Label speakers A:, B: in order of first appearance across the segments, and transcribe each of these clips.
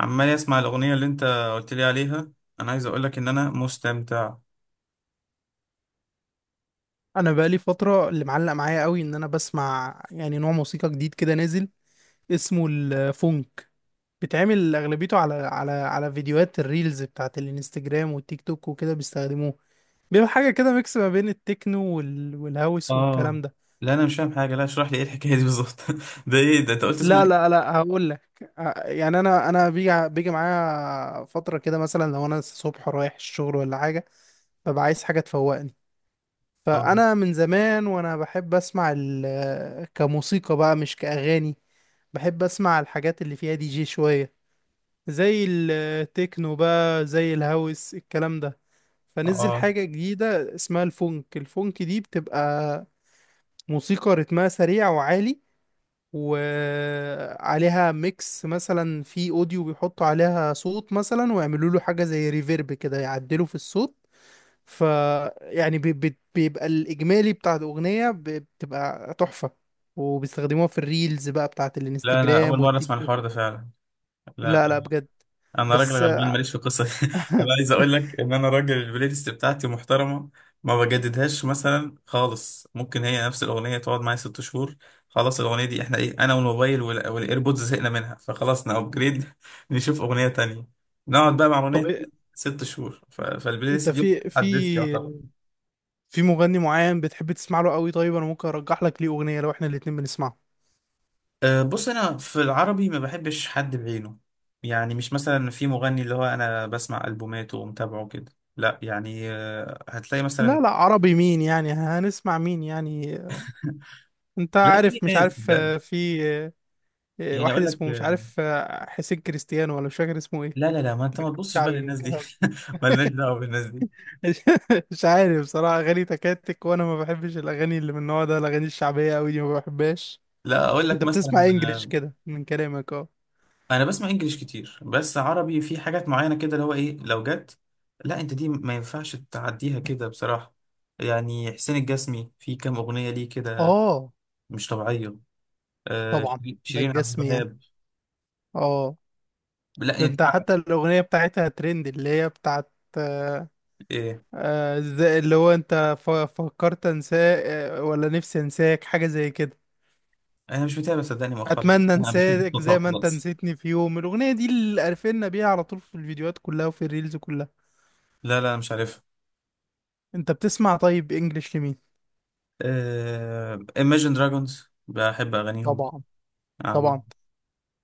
A: عمال اسمع الاغنيه اللي انت قلت لي عليها. انا عايز اقول لك ان انا مستمتع.
B: انا بقالي فتره اللي معلق معايا قوي ان انا بسمع يعني نوع موسيقى جديد كده نازل اسمه الفونك. بيتعمل اغلبيته على فيديوهات الريلز بتاعت الانستجرام والتيك توك وكده بيستخدموه. بيبقى حاجه كده ميكس ما بين التكنو والهاوس والكلام
A: اه.
B: ده.
A: لا انا مش فاهم حاجه، لا اشرح لي ايه الحكايه دي بالظبط؟ ده ايه ده؟ انت قلت اسمه
B: لا
A: ايه؟
B: لا لا، هقول لك. يعني انا بيجي معايا فتره كده، مثلا لو انا الصبح رايح الشغل ولا حاجه ببقى عايز حاجه تفوقني.
A: اه
B: فانا من زمان وانا بحب اسمع كموسيقى بقى مش كاغاني. بحب اسمع الحاجات اللي فيها دي جي شوية، زي التكنو بقى زي الهاوس الكلام ده. فنزل
A: اه.
B: حاجة جديدة اسمها الفونك. الفونك دي بتبقى موسيقى رتمها سريع وعالي، وعليها ميكس مثلا في اوديو بيحطوا عليها صوت مثلا ويعملوا له حاجة زي ريفيرب كده يعدلوا في الصوت. ف يعني بيبقى الإجمالي بتاع الأغنية بتبقى تحفة، وبيستخدموها في الريلز بقى بتاعت
A: لا انا اول
B: الانستجرام
A: مره
B: والتيك
A: اسمع
B: توك.
A: الحوار ده فعلا. لا،
B: لا لا، بجد.
A: انا راجل
B: بس
A: غلبان ماليش في القصه دي. انا عايز اقول لك ان انا راجل البلاي ليست بتاعتي محترمه، ما بجددهاش مثلا خالص. ممكن هي نفس الاغنيه تقعد معايا 6 شهور. خلاص الاغنيه دي احنا ايه؟ انا والموبايل والايربودز زهقنا منها، فخلاص نابجريد. نشوف اغنيه تانية، نقعد بقى مع اغنيه
B: طب إيه-
A: تانية 6 شهور. فالبلاي
B: انت
A: ليست دي ما
B: في
A: بتتحدثش يعتبر.
B: في مغني معين بتحب تسمع له قوي؟ طيب انا ممكن ارجح لك ليه اغنيه لو احنا الاتنين بنسمعه.
A: أه، بص انا في العربي ما بحبش حد بعينه. يعني مش مثلا في مغني اللي هو انا بسمع البوماته ومتابعه كده، لا يعني. أه، هتلاقي
B: لا
A: مثلا.
B: لا، عربي مين يعني؟ هنسمع مين يعني؟ انت
A: لا، في
B: عارف مش
A: ناس
B: عارف
A: ده.
B: في
A: يعني
B: واحد
A: اقول لك
B: اسمه مش عارف حسين كريستيانو، ولا مش فاكر اسمه ايه.
A: لا لا لا، ما انت ما تبصش بقى
B: شعبي
A: للناس دي.
B: والكلام ده.
A: مالناش دعوه بالناس دي.
B: مش عارف بصراحه، اغاني تكاتك، وانا ما بحبش الاغاني اللي من النوع ده. الاغاني الشعبيه قوي دي ما بحبهاش.
A: لا اقول
B: انت
A: لك مثلا
B: بتسمع انجليش كده من كلامك، اه.
A: انا بسمع انجليش كتير، بس عربي في حاجات معينه كده اللي هو ايه لو جت. لا انت دي ما ينفعش تعديها كده بصراحه. يعني حسين الجسمي في كام اغنيه ليه كده!
B: اه،
A: مش طبيعيه. آه،
B: طبعا.
A: شيرين،
B: ده
A: عبد
B: الجسم يعني.
A: الوهاب.
B: اه.
A: لا
B: ده
A: انت.
B: انت حتى الاغنيه بتاعتها ترند، اللي هي بتاعت آه،
A: ايه؟
B: ازاي، اللي هو انت فكرت انساك، ولا نفسي انساك، حاجه زي كده.
A: انا مش متابع صدقني مؤخرا.
B: اتمنى
A: انا بحب
B: انساك زي
A: صوتها
B: ما انت
A: خلاص.
B: نسيتني في يوم. الاغنيه دي اللي قرفنا بيها على طول، في الفيديوهات كلها وفي الريلز كلها.
A: لا لا مش عارفها.
B: انت بتسمع طيب انجليش لمين؟
A: آه، Imagine Dragons، بحب اغانيهم،
B: طبعا. طبعا.
A: عاملين.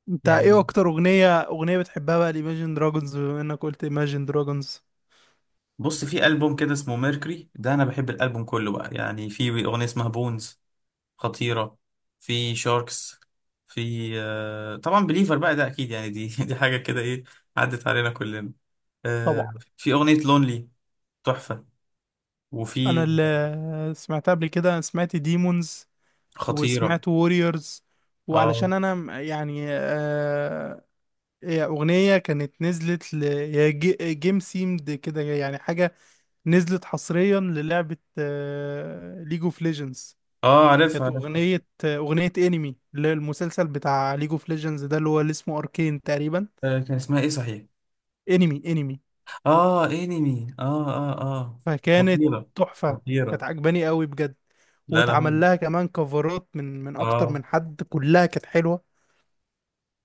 B: انت ايه
A: يعني
B: اكتر اغنيه بتحبها بقى الايماجين دراجونز، بما انك قلت ايماجين دراجونز؟
A: بص، في ألبوم كده اسمه ميركوري، ده أنا بحب الألبوم كله بقى يعني. في أغنية اسمها بونز، خطيرة. في شاركس. في آه، طبعا بليفر بقى، ده أكيد يعني، دي دي حاجة كده إيه! عدت علينا كلنا. آه،
B: طبعا.
A: في أغنية لونلي، تحفة.
B: انا
A: وفي،
B: اللي سمعتها قبل كده سمعت ديمونز،
A: خطيرة.
B: وسمعت ووريورز.
A: آه
B: وعلشان انا يعني هي اغنيه كانت نزلت ل، هي جيم سيمد كده يعني، حاجه نزلت حصريا للعبه ليج اوف ليجندز.
A: آه، عارفها
B: كانت
A: عارفها.
B: اغنيه انمي، اللي هي المسلسل بتاع ليج اوف ليجندز ده، اللي هو اللي اسمه اركين تقريبا.
A: آه، كان اسمها إيه صحيح؟
B: انمي انمي.
A: آه إنمي، آه آه آه.
B: فكانت
A: خطيرة.
B: تحفه. كانت
A: خطيرة.
B: عجباني قوي بجد.
A: لا لا،
B: واتعمل
A: هم
B: لها كمان كفرات من اكتر من
A: آه،
B: حد، كلها كانت حلوه.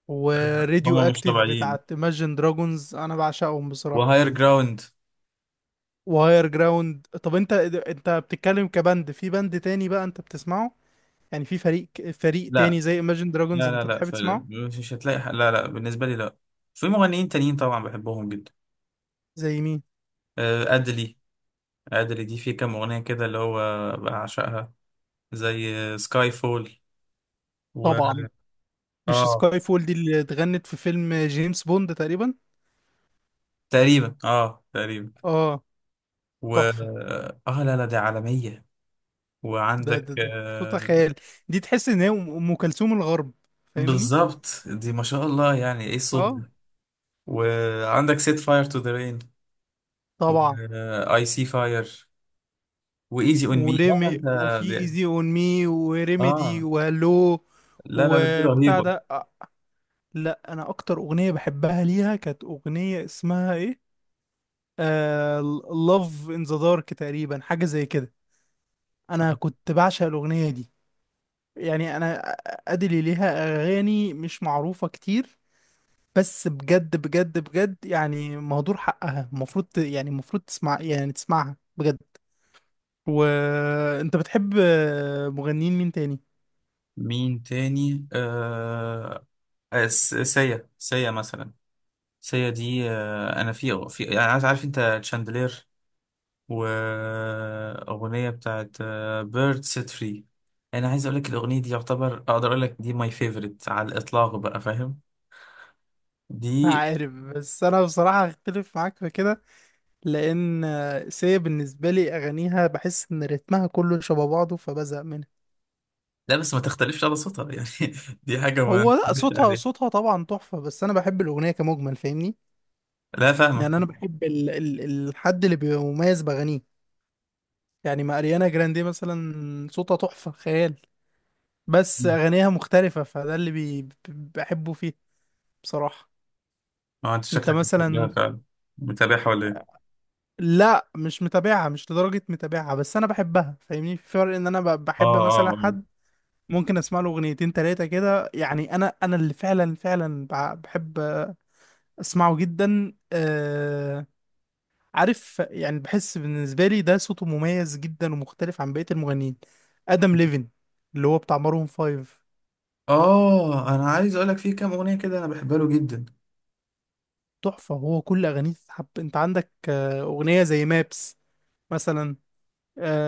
B: وراديو
A: هم مش
B: اكتيف
A: طبيعيين.
B: بتاعت Imagine Dragons، انا بعشقهم بصراحة.
A: وهاير جراوند.
B: وهاير جراوند. طب انت بتتكلم كبند، في بند تاني بقى انت بتسمعه؟ يعني في فريق
A: لا
B: تاني زي Imagine Dragons
A: لا لا
B: انت
A: لا
B: بتحب تسمعه؟
A: فعلا مش هتلاقي حق. لا لا، بالنسبة لي لا. في مغنيين تانيين طبعا بحبهم جدا.
B: زي مين؟
A: آه، أدلي. أدلي دي في كام أغنية كده اللي هو، بعشقها، زي سكاي فول و
B: طبعا. مش
A: اه
B: سكاي فول دي اللي اتغنت في فيلم جيمس بوند تقريبا؟
A: تقريبا، اه تقريبا
B: اه.
A: و
B: تحفة.
A: اه. لا لا دي عالمية.
B: ده
A: وعندك
B: ده ده صوتها
A: آه،
B: خيال. دي تحس ان هي أم كلثوم الغرب، فاهمني؟
A: بالظبط، دي ما شاء الله، يعني ايه الصوت
B: اه،
A: ده! وعندك سيت فاير تو ذا رين،
B: طبعا.
A: واي سي فاير، وايزي اون مي. لا لا،
B: وريمي،
A: انت
B: وفي
A: دي-
B: ايزي اون مي، وريميدي،
A: اه،
B: وهالو.
A: لا لا لا، دي
B: وبتاع
A: رهيبة.
B: ده لا، انا اكتر اغنيه بحبها ليها كانت اغنيه اسمها ايه، Love in the Dark تقريبا، حاجه زي كده. انا كنت بعشق الاغنيه دي. يعني انا، ادلي ليها اغاني مش معروفه كتير، بس بجد بجد بجد يعني مهدور حقها. المفروض يعني المفروض تسمع، يعني تسمعها بجد. وانت بتحب مغنيين مين تاني؟
A: مين تاني آه، سيا، مثلا. سيا دي آه، انا في يعني عارف انت شاندلير، واغنيه بتاعت بيرد سيت فري. انا عايز اقول لك الاغنيه دي يعتبر، اقدر اقول لك دي ماي فيفورت على الاطلاق بقى، فاهم؟ دي،
B: عارف، بس انا بصراحة هختلف معاك في كده، لان سيا بالنسبة لي اغانيها بحس ان رتمها كله شبه بعضه فبزهق منها.
A: لا بس ما تختلفش على صوتها يعني. دي حاجه ما
B: هو لا،
A: تختلفش
B: صوتها،
A: عليها.
B: صوتها طبعا تحفة، بس انا بحب الاغنية كمجمل، فاهمني؟
A: لا فاهمه.
B: يعني انا بحب ال الحد اللي بيبقى مميز باغانيه. يعني ما اريانا جراندي مثلا صوتها تحفة خيال، بس اغانيها مختلفة، فده اللي بحبه فيه بصراحة.
A: اه، انت
B: انت
A: شكلك بتحبها
B: مثلا؟
A: فعلا، متابعها ولا ايه؟
B: لا مش متابعها، مش لدرجة متابعها، بس انا بحبها. فاهمني في فرق، ان انا
A: اه
B: بحب مثلا
A: اه
B: حد ممكن اسمع له اغنيتين تلاتة كده، يعني انا، اللي فعلا فعلا بحب اسمعه جدا عارف يعني، بحس بالنسبة لي ده صوته مميز جدا ومختلف عن بقية المغنيين. ادم ليفن، اللي هو بتاع مارون فايف.
A: اه. آه، انا عايز اقول لك في كام اغنيه كده انا بحبها له جدا.
B: تحفة. هو كل اغانيه تتحب. انت عندك اغنية زي مابس مثلا،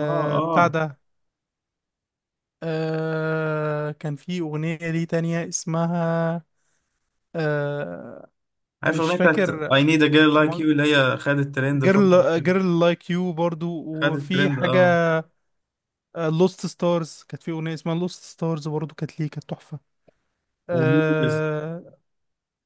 A: اه
B: بتاع
A: اه.
B: ده. كان في اغنية ليه تانية اسمها آه
A: عارف
B: مش
A: الاغنيه بتاعت
B: فاكر.
A: I need a girl like you اللي هي خدت ترند فتره
B: جيرل
A: كده؟
B: جيرل لايك يو برضو،
A: خدت
B: وفي
A: ترند
B: حاجة
A: اه.
B: لوست ستارز. كانت في أغنية اسمها لوست ستارز برضو كانت ليه، كانت تحفة.
A: وميترز.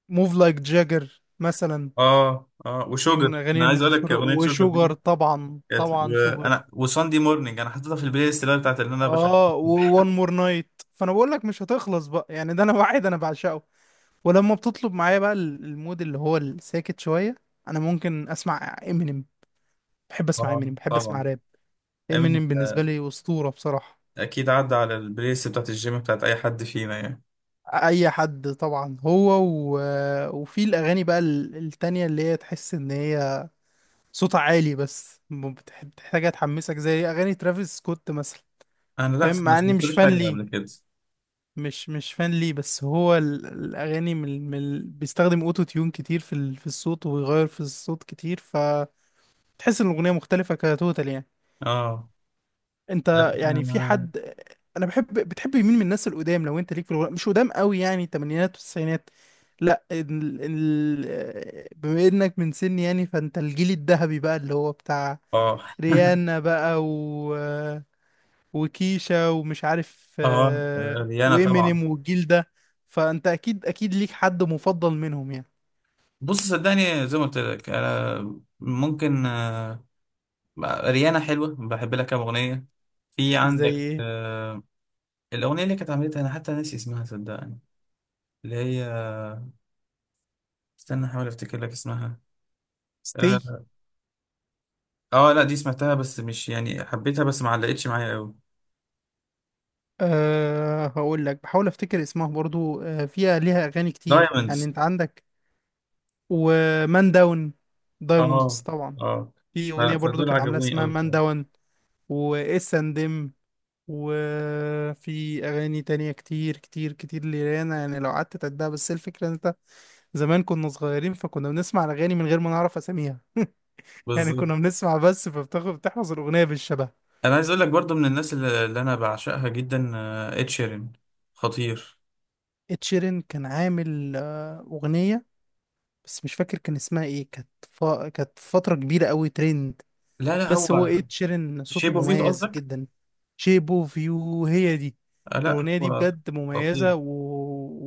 B: موف لايك جاجر مثلا،
A: اه اه
B: دي
A: وشوجر.
B: من أغاني
A: انا عايز اقول لك
B: المشهورة.
A: اغنيه شوجر
B: وشوجر،
A: دي
B: طبعا
A: كانت،
B: طبعا شوجر.
A: انا وساندي مورنينج، انا حطيتها في البلاي ليست اللي أنا بتاعت اللي انا بشغل.
B: اه. وون مور نايت. فانا بقول لك مش هتخلص بقى يعني، ده انا واحد انا بعشقه. ولما بتطلب معايا بقى المود اللي هو الساكت شوية، انا ممكن اسمع امينيم. بحب اسمع
A: اه
B: امينيم، بحب اسمع
A: طبعا.
B: راب.
A: أمين،
B: امينيم بالنسبة
A: آه،
B: لي أسطورة بصراحة.
A: اكيد عدى على البلاي ليست بتاعت الجيم بتاعت اي حد فينا يعني.
B: اي حد طبعا، هو و... وفي الاغاني بقى التانية، اللي هي تحس ان هي صوتها عالي، بس بتحتاجها تحمسك، زي اغاني ترافيس سكوت مثلا.
A: انا لا
B: فاهم،
A: ما
B: مع اني مش
A: سمعتلوش
B: فان
A: حاجه
B: ليه.
A: قبل كده.
B: مش مش فان ليه، بس هو الاغاني بيستخدم اوتو تيون كتير في في الصوت، ويغير في الصوت كتير، فتحس ان الاغنية مختلفة كتوتال يعني.
A: اه. لا
B: انت يعني في
A: أنا-
B: حد، انا بحب، بتحب مين من الناس القدام، لو انت ليك في الغناء، مش قدام قوي يعني، الثمانينات والتسعينات؟ لا بما انك من سني يعني، فانت الجيل الذهبي بقى اللي هو بتاع
A: اه
B: ريانا بقى، وكيشا، ومش عارف
A: اه، ريانا طبعا.
B: وإمينيم، والجيل ده. فانت اكيد اكيد ليك حد مفضل منهم يعني.
A: بص صدقني زي ما قلت لك انا، ممكن آه، ريانا حلوة بحب لها كام أغنية. في
B: زي
A: عندك
B: ايه؟
A: آه، الأغنية اللي كانت عملتها أنا حتى ناسي اسمها صدقني، اللي هي، استنى أحاول أفتكر لك اسمها.
B: ستي.
A: آه، آه لا دي سمعتها بس مش يعني حبيتها، بس ما علقتش معايا أوي.
B: أه هقول لك، بحاول افتكر اسمها برضو. أه فيها، ليها اغاني كتير يعني،
A: دايموندز،
B: انت عندك ومان داون، دايموندز
A: آه،
B: طبعا.
A: آه.
B: في أغنية برضو
A: فدول
B: كانت عاملاها
A: عجبوني
B: اسمها
A: أوي
B: مان
A: بصراحة.
B: داون، وإس أند إم، وفي أغاني تانية كتير كتير كتير لريانا يعني لو قعدت تعدها. بس الفكرة إن أنت، زمان كنا صغيرين فكنا بنسمع الأغاني من غير ما نعرف أساميها يعني،
A: بالظبط.
B: كنا بنسمع بس، فبتاخد بتحفظ الأغنية بالشبه.
A: أنا عايز أقول لك برضو من الناس اللي أنا بعشقها جدا، آه، إد شيرين، خطير.
B: اتشيرين كان عامل أغنية بس مش فاكر كان اسمها إيه، كانت كانت فترة كبيرة أوي ترند.
A: لا لا
B: بس هو
A: هو،
B: إد شيرين صوته
A: شيب أوف يو
B: مميز
A: قصدك؟
B: جدا. شيب اوف يو، هي دي
A: آه، لا
B: الأغنية دي
A: هو
B: بجد مميزة
A: خطير.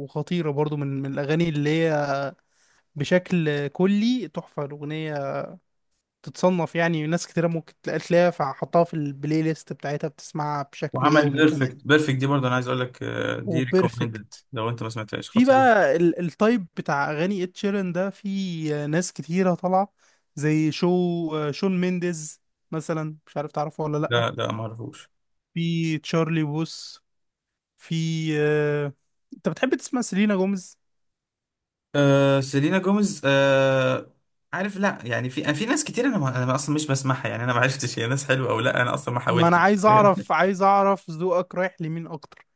B: وخطيرة برضو من من الأغاني اللي هي بشكل كلي تحفة. الأغنية تتصنف يعني، ناس كتيرة ممكن تلاقيها فحطها في البلاي ليست بتاعتها بتسمعها بشكل
A: وعمل
B: يومي كمان.
A: بيرفكت. بيرفكت دي برضه انا عايز اقول لك آه، دي ريكومندد
B: وبيرفكت.
A: لو انت ما سمعتهاش،
B: في
A: خطير.
B: بقى التايب بتاع أغاني إد شيران ده، في ناس كتيرة طالعة زي شون مينديز مثلا، مش عارف تعرفه ولا لأ.
A: لا لا ما اعرفوش.
B: في تشارلي بوس، في آه، انت بتحب تسمع سيلينا جوميز؟
A: آه، سيلينا جوميز، آه عارف، لا يعني في ناس كتير، انا ما انا اصلا مش بسمعها يعني، انا ما عرفتش هي ناس حلوه او لا، انا اصلا ما
B: ما انا
A: حاولتش،
B: عايز
A: فاهم؟
B: اعرف، عايز اعرف ذوقك رايح لمين اكتر.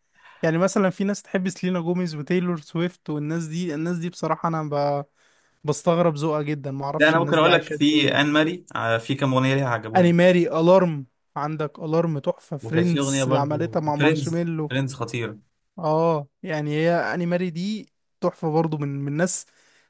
B: يعني مثلا في ناس تحب سيلينا جوميز وتايلور سويفت والناس دي. الناس دي بصراحة انا بستغرب ذوقها جدا، ما
A: لا
B: اعرفش
A: انا ممكن
B: الناس دي
A: اقول لك
B: عايشة ازاي
A: في ان
B: يعني.
A: ماري، آه، في كام اغنيه ليها
B: اني
A: عجبوني.
B: ماري الارم. عندك الارم تحفة،
A: وكانت في
B: فريندز
A: اغنيه
B: اللي عملتها
A: برضه
B: مع
A: فريندز،
B: مارشميلو.
A: فريندز خطيره.
B: اه يعني هي اني ماري دي تحفة برضو، من ناس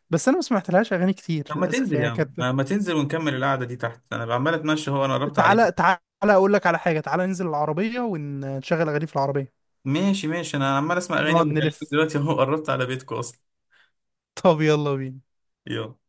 B: بس انا ما سمعتلهاش اغاني كتير
A: طب ما
B: للاسف
A: تنزل يا
B: يعني،
A: عم،
B: كانت.
A: آه، ما تنزل ونكمل القعده دي تحت، انا عمال اتمشى، هو انا قربت
B: تعالى
A: عليك.
B: تعالى اقول لك على حاجه، تعالى ننزل العربيه ونشغل اغاني في العربيه،
A: ماشي ماشي، انا عمال اسمع اغاني
B: نقعد
A: وبكلمك
B: نلف.
A: دلوقتي، هو قربت على بيتكم اصلا.
B: طب يلا بينا.
A: يلا.